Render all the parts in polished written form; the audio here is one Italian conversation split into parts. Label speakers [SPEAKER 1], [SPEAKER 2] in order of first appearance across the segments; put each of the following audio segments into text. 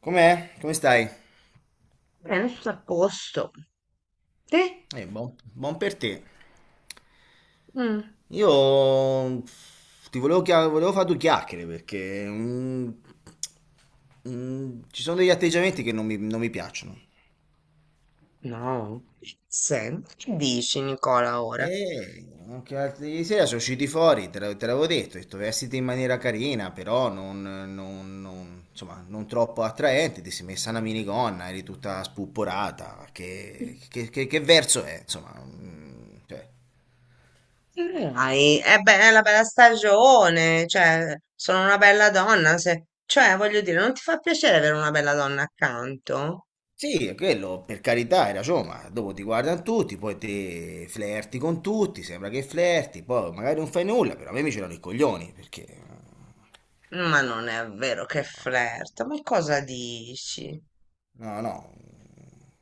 [SPEAKER 1] Com'è? Come stai?
[SPEAKER 2] Penso a posto. Te?
[SPEAKER 1] Buon, buon per te.
[SPEAKER 2] Mm.
[SPEAKER 1] Io ti volevo, volevo fare due chiacchiere perché ci sono degli atteggiamenti che non mi piacciono.
[SPEAKER 2] No. Che dici, Nicola, ora?
[SPEAKER 1] E anche l'altro ieri sera sono usciti fuori, te l'avevo detto, ho detto vestiti in maniera carina, però insomma, non troppo attraente, ti sei messa una minigonna, eri tutta spupporata, che verso è? Insomma, cioè.
[SPEAKER 2] Dai, è una bella stagione, cioè, sono una bella donna, cioè, voglio dire, non ti fa piacere avere una bella donna accanto?
[SPEAKER 1] Sì, è quello, per carità, hai ragione, ma dopo ti guardano tutti, poi te flerti con tutti, sembra che flerti, poi magari non fai nulla, però a me mi c'erano i coglioni, perché...
[SPEAKER 2] Ma non è vero che flirta, ma cosa
[SPEAKER 1] eh,
[SPEAKER 2] dici?
[SPEAKER 1] no, no,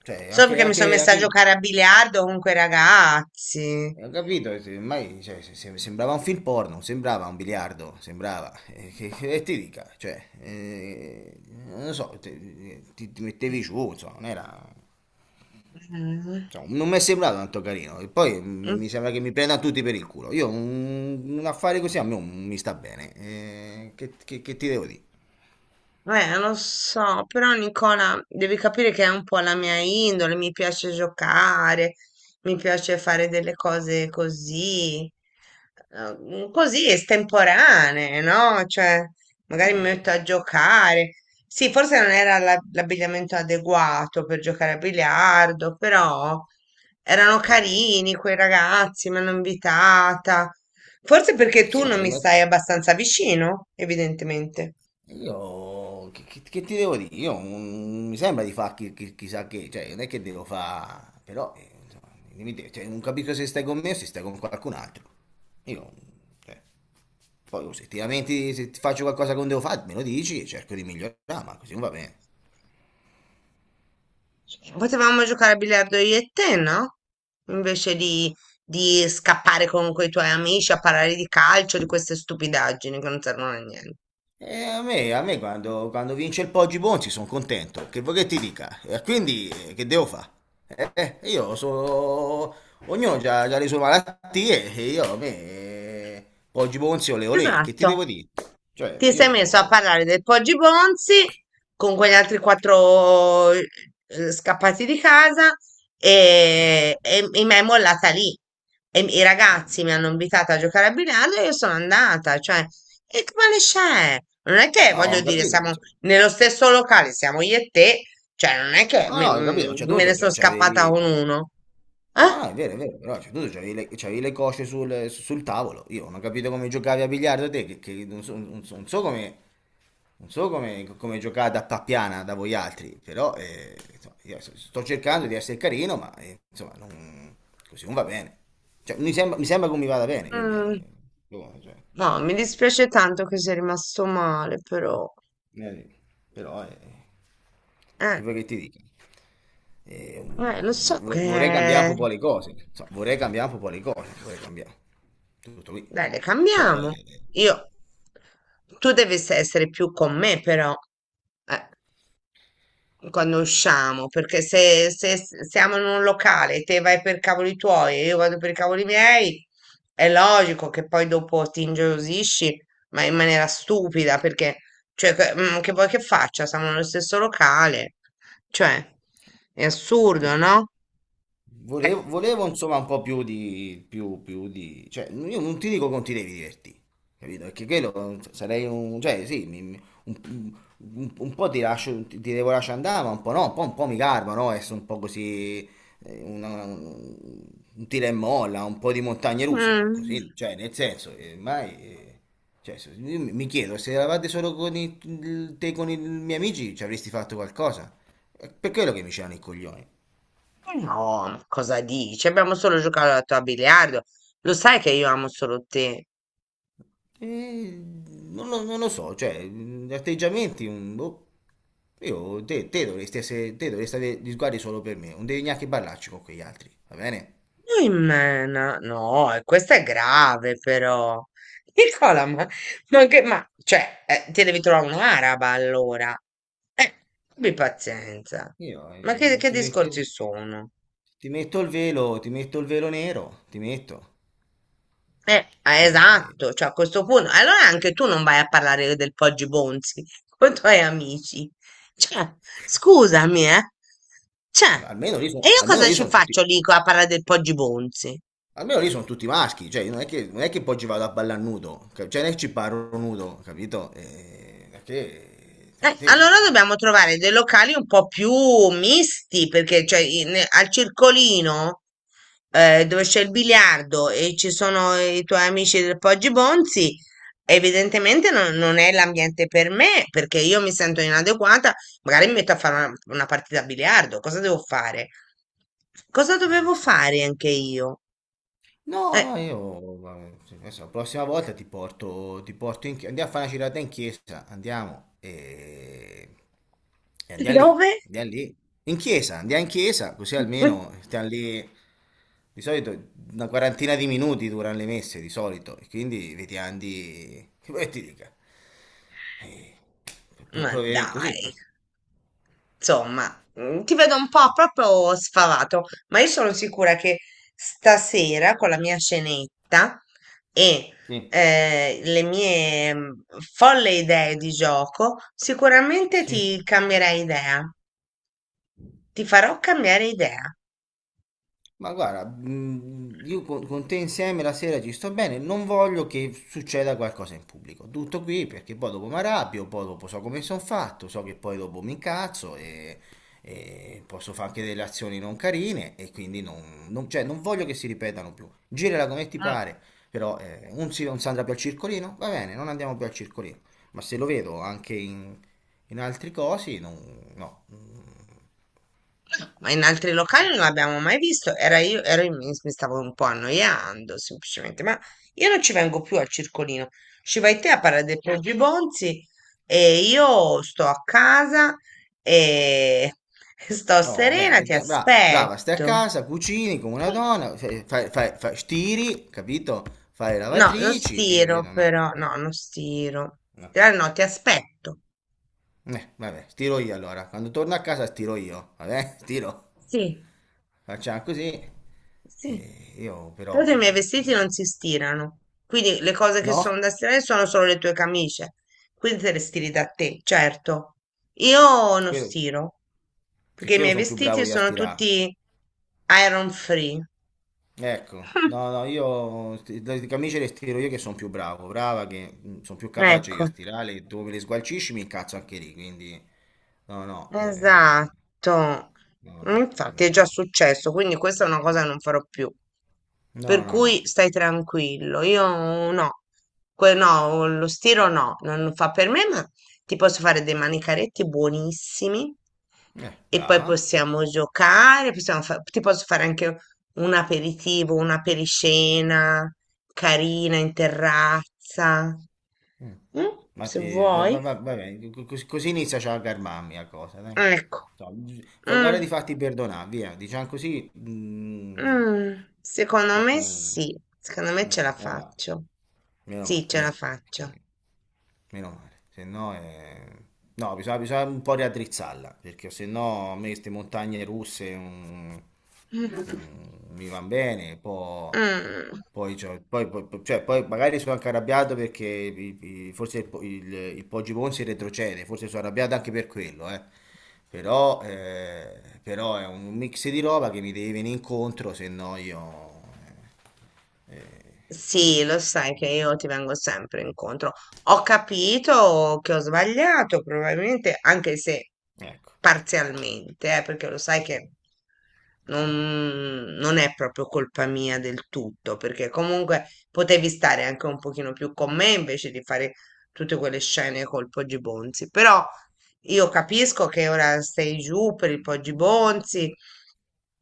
[SPEAKER 1] cioè
[SPEAKER 2] Solo
[SPEAKER 1] anche...
[SPEAKER 2] perché mi sono messa a
[SPEAKER 1] anche...
[SPEAKER 2] giocare a biliardo con quei ragazzi.
[SPEAKER 1] Ho capito, ormai cioè, sembrava un film porno, sembrava un biliardo, sembrava, che e ti dica, cioè, non lo so, ti mettevi giù, insomma, non era... Cioè, non mi è sembrato tanto carino. E poi
[SPEAKER 2] Mm.
[SPEAKER 1] mi sembra che mi prenda tutti per il culo. Io un affare così a me non mi sta bene. Che ti devo dire?
[SPEAKER 2] Lo so, però Nicola, devi capire che è un po' la mia indole, mi piace giocare, mi piace fare delle cose così, così estemporanee, no? Cioè, magari mi metto a giocare. Sì, forse non era l'abbigliamento adeguato per giocare a biliardo, però erano carini quei ragazzi, mi hanno invitata. Forse perché
[SPEAKER 1] Sì,
[SPEAKER 2] tu non mi
[SPEAKER 1] ma
[SPEAKER 2] stai abbastanza vicino, evidentemente.
[SPEAKER 1] io che ti devo dire? Io mi sembra di fare chissà che, cioè, non è che devo fare, però insomma, dimmi te, cioè, non capisco se stai con me o se stai con qualcun altro. Io, cioè, poi se ti lamenti, se ti faccio qualcosa che non devo fare, me lo dici e cerco di migliorare, ma così non va bene.
[SPEAKER 2] Potevamo giocare a biliardo io e te, no? Invece di scappare con quei tuoi amici a parlare di calcio, di queste stupidaggini che non servono a niente.
[SPEAKER 1] E a me quando, quando vince il Poggi Bonzi sono contento, che vuoi che ti dica? E quindi che devo fare? Io sono... Ognuno ha le sue malattie e io a me... Poggi Bonzi ole olè, che ti
[SPEAKER 2] Esatto,
[SPEAKER 1] devo dire? Cioè
[SPEAKER 2] ti sei messo a
[SPEAKER 1] io...
[SPEAKER 2] parlare del Poggi Bonzi con quegli altri quattro scappati di casa
[SPEAKER 1] eh,
[SPEAKER 2] e mi è mollata lì. E i
[SPEAKER 1] eh,
[SPEAKER 2] ragazzi mi hanno invitato a giocare a biliardo e io sono andata, cioè, e che male c'è? Non è che,
[SPEAKER 1] no,
[SPEAKER 2] voglio
[SPEAKER 1] ho
[SPEAKER 2] dire,
[SPEAKER 1] capito.
[SPEAKER 2] siamo
[SPEAKER 1] Cioè,
[SPEAKER 2] nello stesso locale, siamo io e te, cioè, non è che
[SPEAKER 1] no,
[SPEAKER 2] me,
[SPEAKER 1] no, ho capito, cioè
[SPEAKER 2] me ne
[SPEAKER 1] tu
[SPEAKER 2] sono
[SPEAKER 1] cioè,
[SPEAKER 2] scappata con
[SPEAKER 1] c'avevi...
[SPEAKER 2] uno,
[SPEAKER 1] No,
[SPEAKER 2] eh?
[SPEAKER 1] no, è vero, però cioè, tu c'avevi le cosce sul tavolo. Io non ho capito come giocavi a biliardo te, che non so, non so come... non so come, come giocare da pappiana da voi altri, però insomma, io so, sto cercando di essere carino, ma insomma, così non va bene. Cioè, mi sembra che mi vada bene, quindi...
[SPEAKER 2] Mm,
[SPEAKER 1] boh, cioè,
[SPEAKER 2] no, mi dispiace tanto che sei rimasto male, però,
[SPEAKER 1] eh, però, che
[SPEAKER 2] eh.
[SPEAKER 1] vuoi che ti dica? Eh,
[SPEAKER 2] Lo so
[SPEAKER 1] vorrei cambiare
[SPEAKER 2] che...
[SPEAKER 1] un po' le cose, insomma, vorrei cambiare un po' le cose, vorrei cambiare tutto qui,
[SPEAKER 2] Dai, le
[SPEAKER 1] però...
[SPEAKER 2] cambiamo. Io... Tu devi essere più con me, però, eh, quando usciamo, perché se siamo in un locale, te vai per cavoli tuoi e io vado per i cavoli miei, è logico che poi dopo ti ingelosisci, ma in maniera stupida, perché, cioè, che vuoi che faccia? Siamo nello stesso locale. Cioè, è assurdo,
[SPEAKER 1] cioè,
[SPEAKER 2] no? Eh.
[SPEAKER 1] volevo, volevo, insomma un po' più di, più di, cioè io non ti dico che non ti devi divertire, capito? Perché quello sarei un, cioè sì, un, un po' ti lascio, ti devo lasciare andare, ma un po' no, un po' mi garba, no? Essere un po' così, eh, una- un, un tira e molla, un po' di montagne russe, ma
[SPEAKER 2] Mm.
[SPEAKER 1] così, cioè nel senso, mai, cioè, io mi chiedo, se eravate solo con i, te con i miei amici ci avresti fatto qualcosa? È per quello che mi c'erano i coglioni.
[SPEAKER 2] No, ma cosa dici? Abbiamo solo giocato a biliardo. Lo sai che io amo solo te.
[SPEAKER 1] Eh, non lo so, cioè, atteggiamenti, boh, io, te dovresti essere, te dovresti avere gli sguardi solo per me, non devi neanche parlarci con quegli altri, va bene?
[SPEAKER 2] Noi mena. No, no, e questa è grave però. Nicola, ma che, ma, cioè, ti devi trovare un'araba allora. Eh, abbi pazienza.
[SPEAKER 1] Io
[SPEAKER 2] Ma che, che discorsi sono?
[SPEAKER 1] ti metto il velo, ti metto il velo nero, ti metto,
[SPEAKER 2] Ah,
[SPEAKER 1] e-
[SPEAKER 2] esatto, cioè a questo punto, allora anche tu non vai a parlare del Poggi Bonzi con i tuoi amici. Cioè, scusami, eh. Cioè,
[SPEAKER 1] almeno lì,
[SPEAKER 2] e
[SPEAKER 1] sono
[SPEAKER 2] io cosa ci faccio lì a parlare del Poggi Bonzi?
[SPEAKER 1] almeno lì sono tutti maschi, cioè, non è che poi ci vado a ballare nudo, cioè, non è che ci parlo nudo, capito? Perché,
[SPEAKER 2] Allora dobbiamo trovare dei locali un po' più misti, perché cioè, al circolino dove c'è il biliardo e ci sono i tuoi amici del Poggi Bonzi, evidentemente non è l'ambiente per me, perché io mi sento inadeguata, magari mi metto a fare una partita a biliardo, cosa devo fare? Cosa
[SPEAKER 1] sì,
[SPEAKER 2] dovevo
[SPEAKER 1] forse.
[SPEAKER 2] fare anche io?
[SPEAKER 1] No,
[SPEAKER 2] Eh,
[SPEAKER 1] no, io, ma, sì, adesso, la prossima volta ti porto in chiesa, andiamo a fare una girata in chiesa, andiamo e
[SPEAKER 2] dove?
[SPEAKER 1] andiamo lì, in chiesa, andiamo in chiesa, così almeno stiamo lì, di solito una quarantina di minuti durano le messe, di solito, e quindi vediamo di, che vuoi che ti dica, eh,
[SPEAKER 2] Ma
[SPEAKER 1] provare in così,
[SPEAKER 2] dai. Insomma, ti vedo un po' proprio sfavato, ma io sono sicura che stasera con la mia scenetta e
[SPEAKER 1] sì,
[SPEAKER 2] le mie folle idee di gioco, sicuramente
[SPEAKER 1] sì.
[SPEAKER 2] ti cambierai idea, ti farò cambiare idea.
[SPEAKER 1] Ma guarda, io con te insieme la sera ci sto bene, non voglio che succeda qualcosa in pubblico. Tutto qui, perché poi dopo mi arrabbio, poi dopo so come sono fatto, so che poi dopo mi incazzo e posso fare anche delle azioni non carine e quindi cioè, non voglio che si ripetano più. Girala come ti pare, però non si andrà più al circolino, va bene, non andiamo più al circolino. Ma se lo vedo anche in altri cosi, no.
[SPEAKER 2] Ma in altri locali non l'abbiamo mai visto. Era io, mi stavo un po' annoiando semplicemente, ma io non ci vengo più al circolino. Ci vai te a Parla dei Pogibonzi e io sto a casa e sto
[SPEAKER 1] Oh,
[SPEAKER 2] serena,
[SPEAKER 1] ok,
[SPEAKER 2] ti
[SPEAKER 1] brava, stai a
[SPEAKER 2] aspetto.
[SPEAKER 1] casa, cucini come una donna, stiri, capito? Fai le
[SPEAKER 2] No, non
[SPEAKER 1] lavatrici, io
[SPEAKER 2] stiro
[SPEAKER 1] capito, no,
[SPEAKER 2] però,
[SPEAKER 1] no,
[SPEAKER 2] no, non stiro.
[SPEAKER 1] no.
[SPEAKER 2] No, ti aspetto.
[SPEAKER 1] Vabbè, stiro io allora, quando torno a casa stiro io, vabbè, stiro,
[SPEAKER 2] Sì.
[SPEAKER 1] facciamo così.
[SPEAKER 2] Sì.
[SPEAKER 1] Io
[SPEAKER 2] Tra l'altro i miei
[SPEAKER 1] però,
[SPEAKER 2] vestiti non si stirano, quindi le cose che sono
[SPEAKER 1] no,
[SPEAKER 2] da stirare sono solo le tue camicie, quindi te le stiri da te, certo. Io non
[SPEAKER 1] quello,
[SPEAKER 2] stiro,
[SPEAKER 1] che
[SPEAKER 2] perché i
[SPEAKER 1] quello
[SPEAKER 2] miei
[SPEAKER 1] sono più
[SPEAKER 2] vestiti
[SPEAKER 1] bravo io a
[SPEAKER 2] sono
[SPEAKER 1] stirare.
[SPEAKER 2] tutti iron free.
[SPEAKER 1] Ecco, no, no, le camicie le stiro io che sono più bravo, brava, che sono più capace io a
[SPEAKER 2] Ecco.
[SPEAKER 1] stirare, tu me le sgualcisci mi incazzo anche lì, quindi no, no,
[SPEAKER 2] Esatto,
[SPEAKER 1] no, no,
[SPEAKER 2] infatti è già
[SPEAKER 1] mm,
[SPEAKER 2] successo, quindi questa è una cosa che non farò più. Per
[SPEAKER 1] no, no, no,
[SPEAKER 2] cui stai tranquillo, io no, no, lo stiro no, non fa per me, ma ti posso fare dei manicaretti buonissimi e poi
[SPEAKER 1] brava.
[SPEAKER 2] possiamo giocare, ti posso fare anche un aperitivo, una periscena carina in terrazza,
[SPEAKER 1] Mm.
[SPEAKER 2] mm,
[SPEAKER 1] Ma
[SPEAKER 2] se
[SPEAKER 1] va,
[SPEAKER 2] vuoi.
[SPEAKER 1] va bene, così inizia già a calmarmi la cosa, dai.
[SPEAKER 2] Ecco.
[SPEAKER 1] No, guarda
[SPEAKER 2] Mm.
[SPEAKER 1] di farti perdonare, via, diciamo così,
[SPEAKER 2] Mm, secondo
[SPEAKER 1] perché
[SPEAKER 2] me
[SPEAKER 1] è un...
[SPEAKER 2] sì, secondo me
[SPEAKER 1] mm,
[SPEAKER 2] ce la
[SPEAKER 1] meno male,
[SPEAKER 2] faccio.
[SPEAKER 1] meno
[SPEAKER 2] Sì,
[SPEAKER 1] male,
[SPEAKER 2] ce la
[SPEAKER 1] via,
[SPEAKER 2] faccio.
[SPEAKER 1] perché... Meno male, se no è... No, bisogna un po' riaddrizzarla, perché se no a me queste montagne russe mi van bene,
[SPEAKER 2] Mm.
[SPEAKER 1] poi, cioè, poi magari sono anche arrabbiato perché forse il Poggi Ponzi retrocede, forse sono arrabbiato anche per quello, eh. Però, però è un mix di roba che mi deve venire incontro, se no io... eh,
[SPEAKER 2] Sì, lo sai che io ti vengo sempre incontro. Ho capito che ho sbagliato, probabilmente, anche se
[SPEAKER 1] ecco,
[SPEAKER 2] parzialmente, perché lo sai che non è proprio colpa mia del tutto, perché comunque potevi stare anche un pochino più con me invece di fare tutte quelle scene col Poggi Bonzi. Però io capisco che ora sei giù per il Poggi Bonzi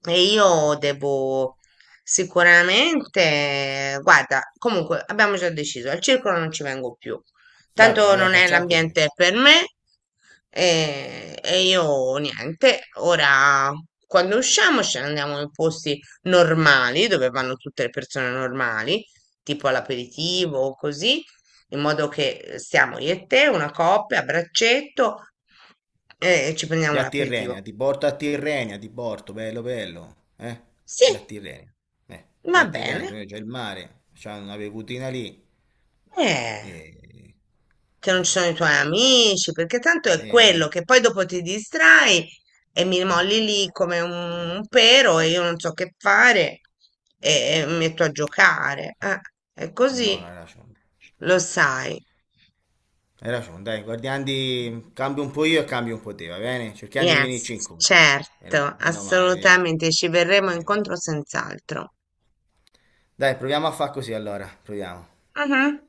[SPEAKER 2] e io devo sicuramente, guarda, comunque abbiamo già deciso, al circolo non ci vengo più,
[SPEAKER 1] va
[SPEAKER 2] tanto
[SPEAKER 1] bene, dai,
[SPEAKER 2] non è
[SPEAKER 1] facciamo così.
[SPEAKER 2] l'ambiente per me, e io niente, ora quando usciamo ce ne andiamo in posti normali dove vanno tutte le persone normali, tipo all'aperitivo o così, in modo che stiamo io e te, una coppia a braccetto, e ci
[SPEAKER 1] Di
[SPEAKER 2] prendiamo
[SPEAKER 1] a Tirrenia,
[SPEAKER 2] l'aperitivo.
[SPEAKER 1] ti porto a Tirrenia, ti porto, bello bello, eh? Di
[SPEAKER 2] Sì,
[SPEAKER 1] a Tirrenia, di
[SPEAKER 2] va
[SPEAKER 1] a Tirrenia,
[SPEAKER 2] bene.
[SPEAKER 1] cioè c'è il mare, c'è una bevutina lì,
[SPEAKER 2] Eh,
[SPEAKER 1] e...
[SPEAKER 2] che non ci sono i
[SPEAKER 1] e-
[SPEAKER 2] tuoi amici, perché tanto è quello
[SPEAKER 1] e-
[SPEAKER 2] che poi dopo ti distrai e mi molli lì come un,
[SPEAKER 1] e-
[SPEAKER 2] un pero e io non so che fare e, e mi metto a giocare. È
[SPEAKER 1] no, non hai
[SPEAKER 2] così,
[SPEAKER 1] ragione,
[SPEAKER 2] lo sai.
[SPEAKER 1] hai ragione, dai, guardiamo di... cambio un po' io e cambio un po' te, va bene? Cerchiamo di venirci
[SPEAKER 2] Yes,
[SPEAKER 1] incontro,
[SPEAKER 2] certo,
[SPEAKER 1] meno male, via.
[SPEAKER 2] assolutamente, ci verremo
[SPEAKER 1] Meno
[SPEAKER 2] incontro
[SPEAKER 1] male.
[SPEAKER 2] senz'altro.
[SPEAKER 1] Dai, proviamo a far così allora, proviamo.
[SPEAKER 2] Mhm.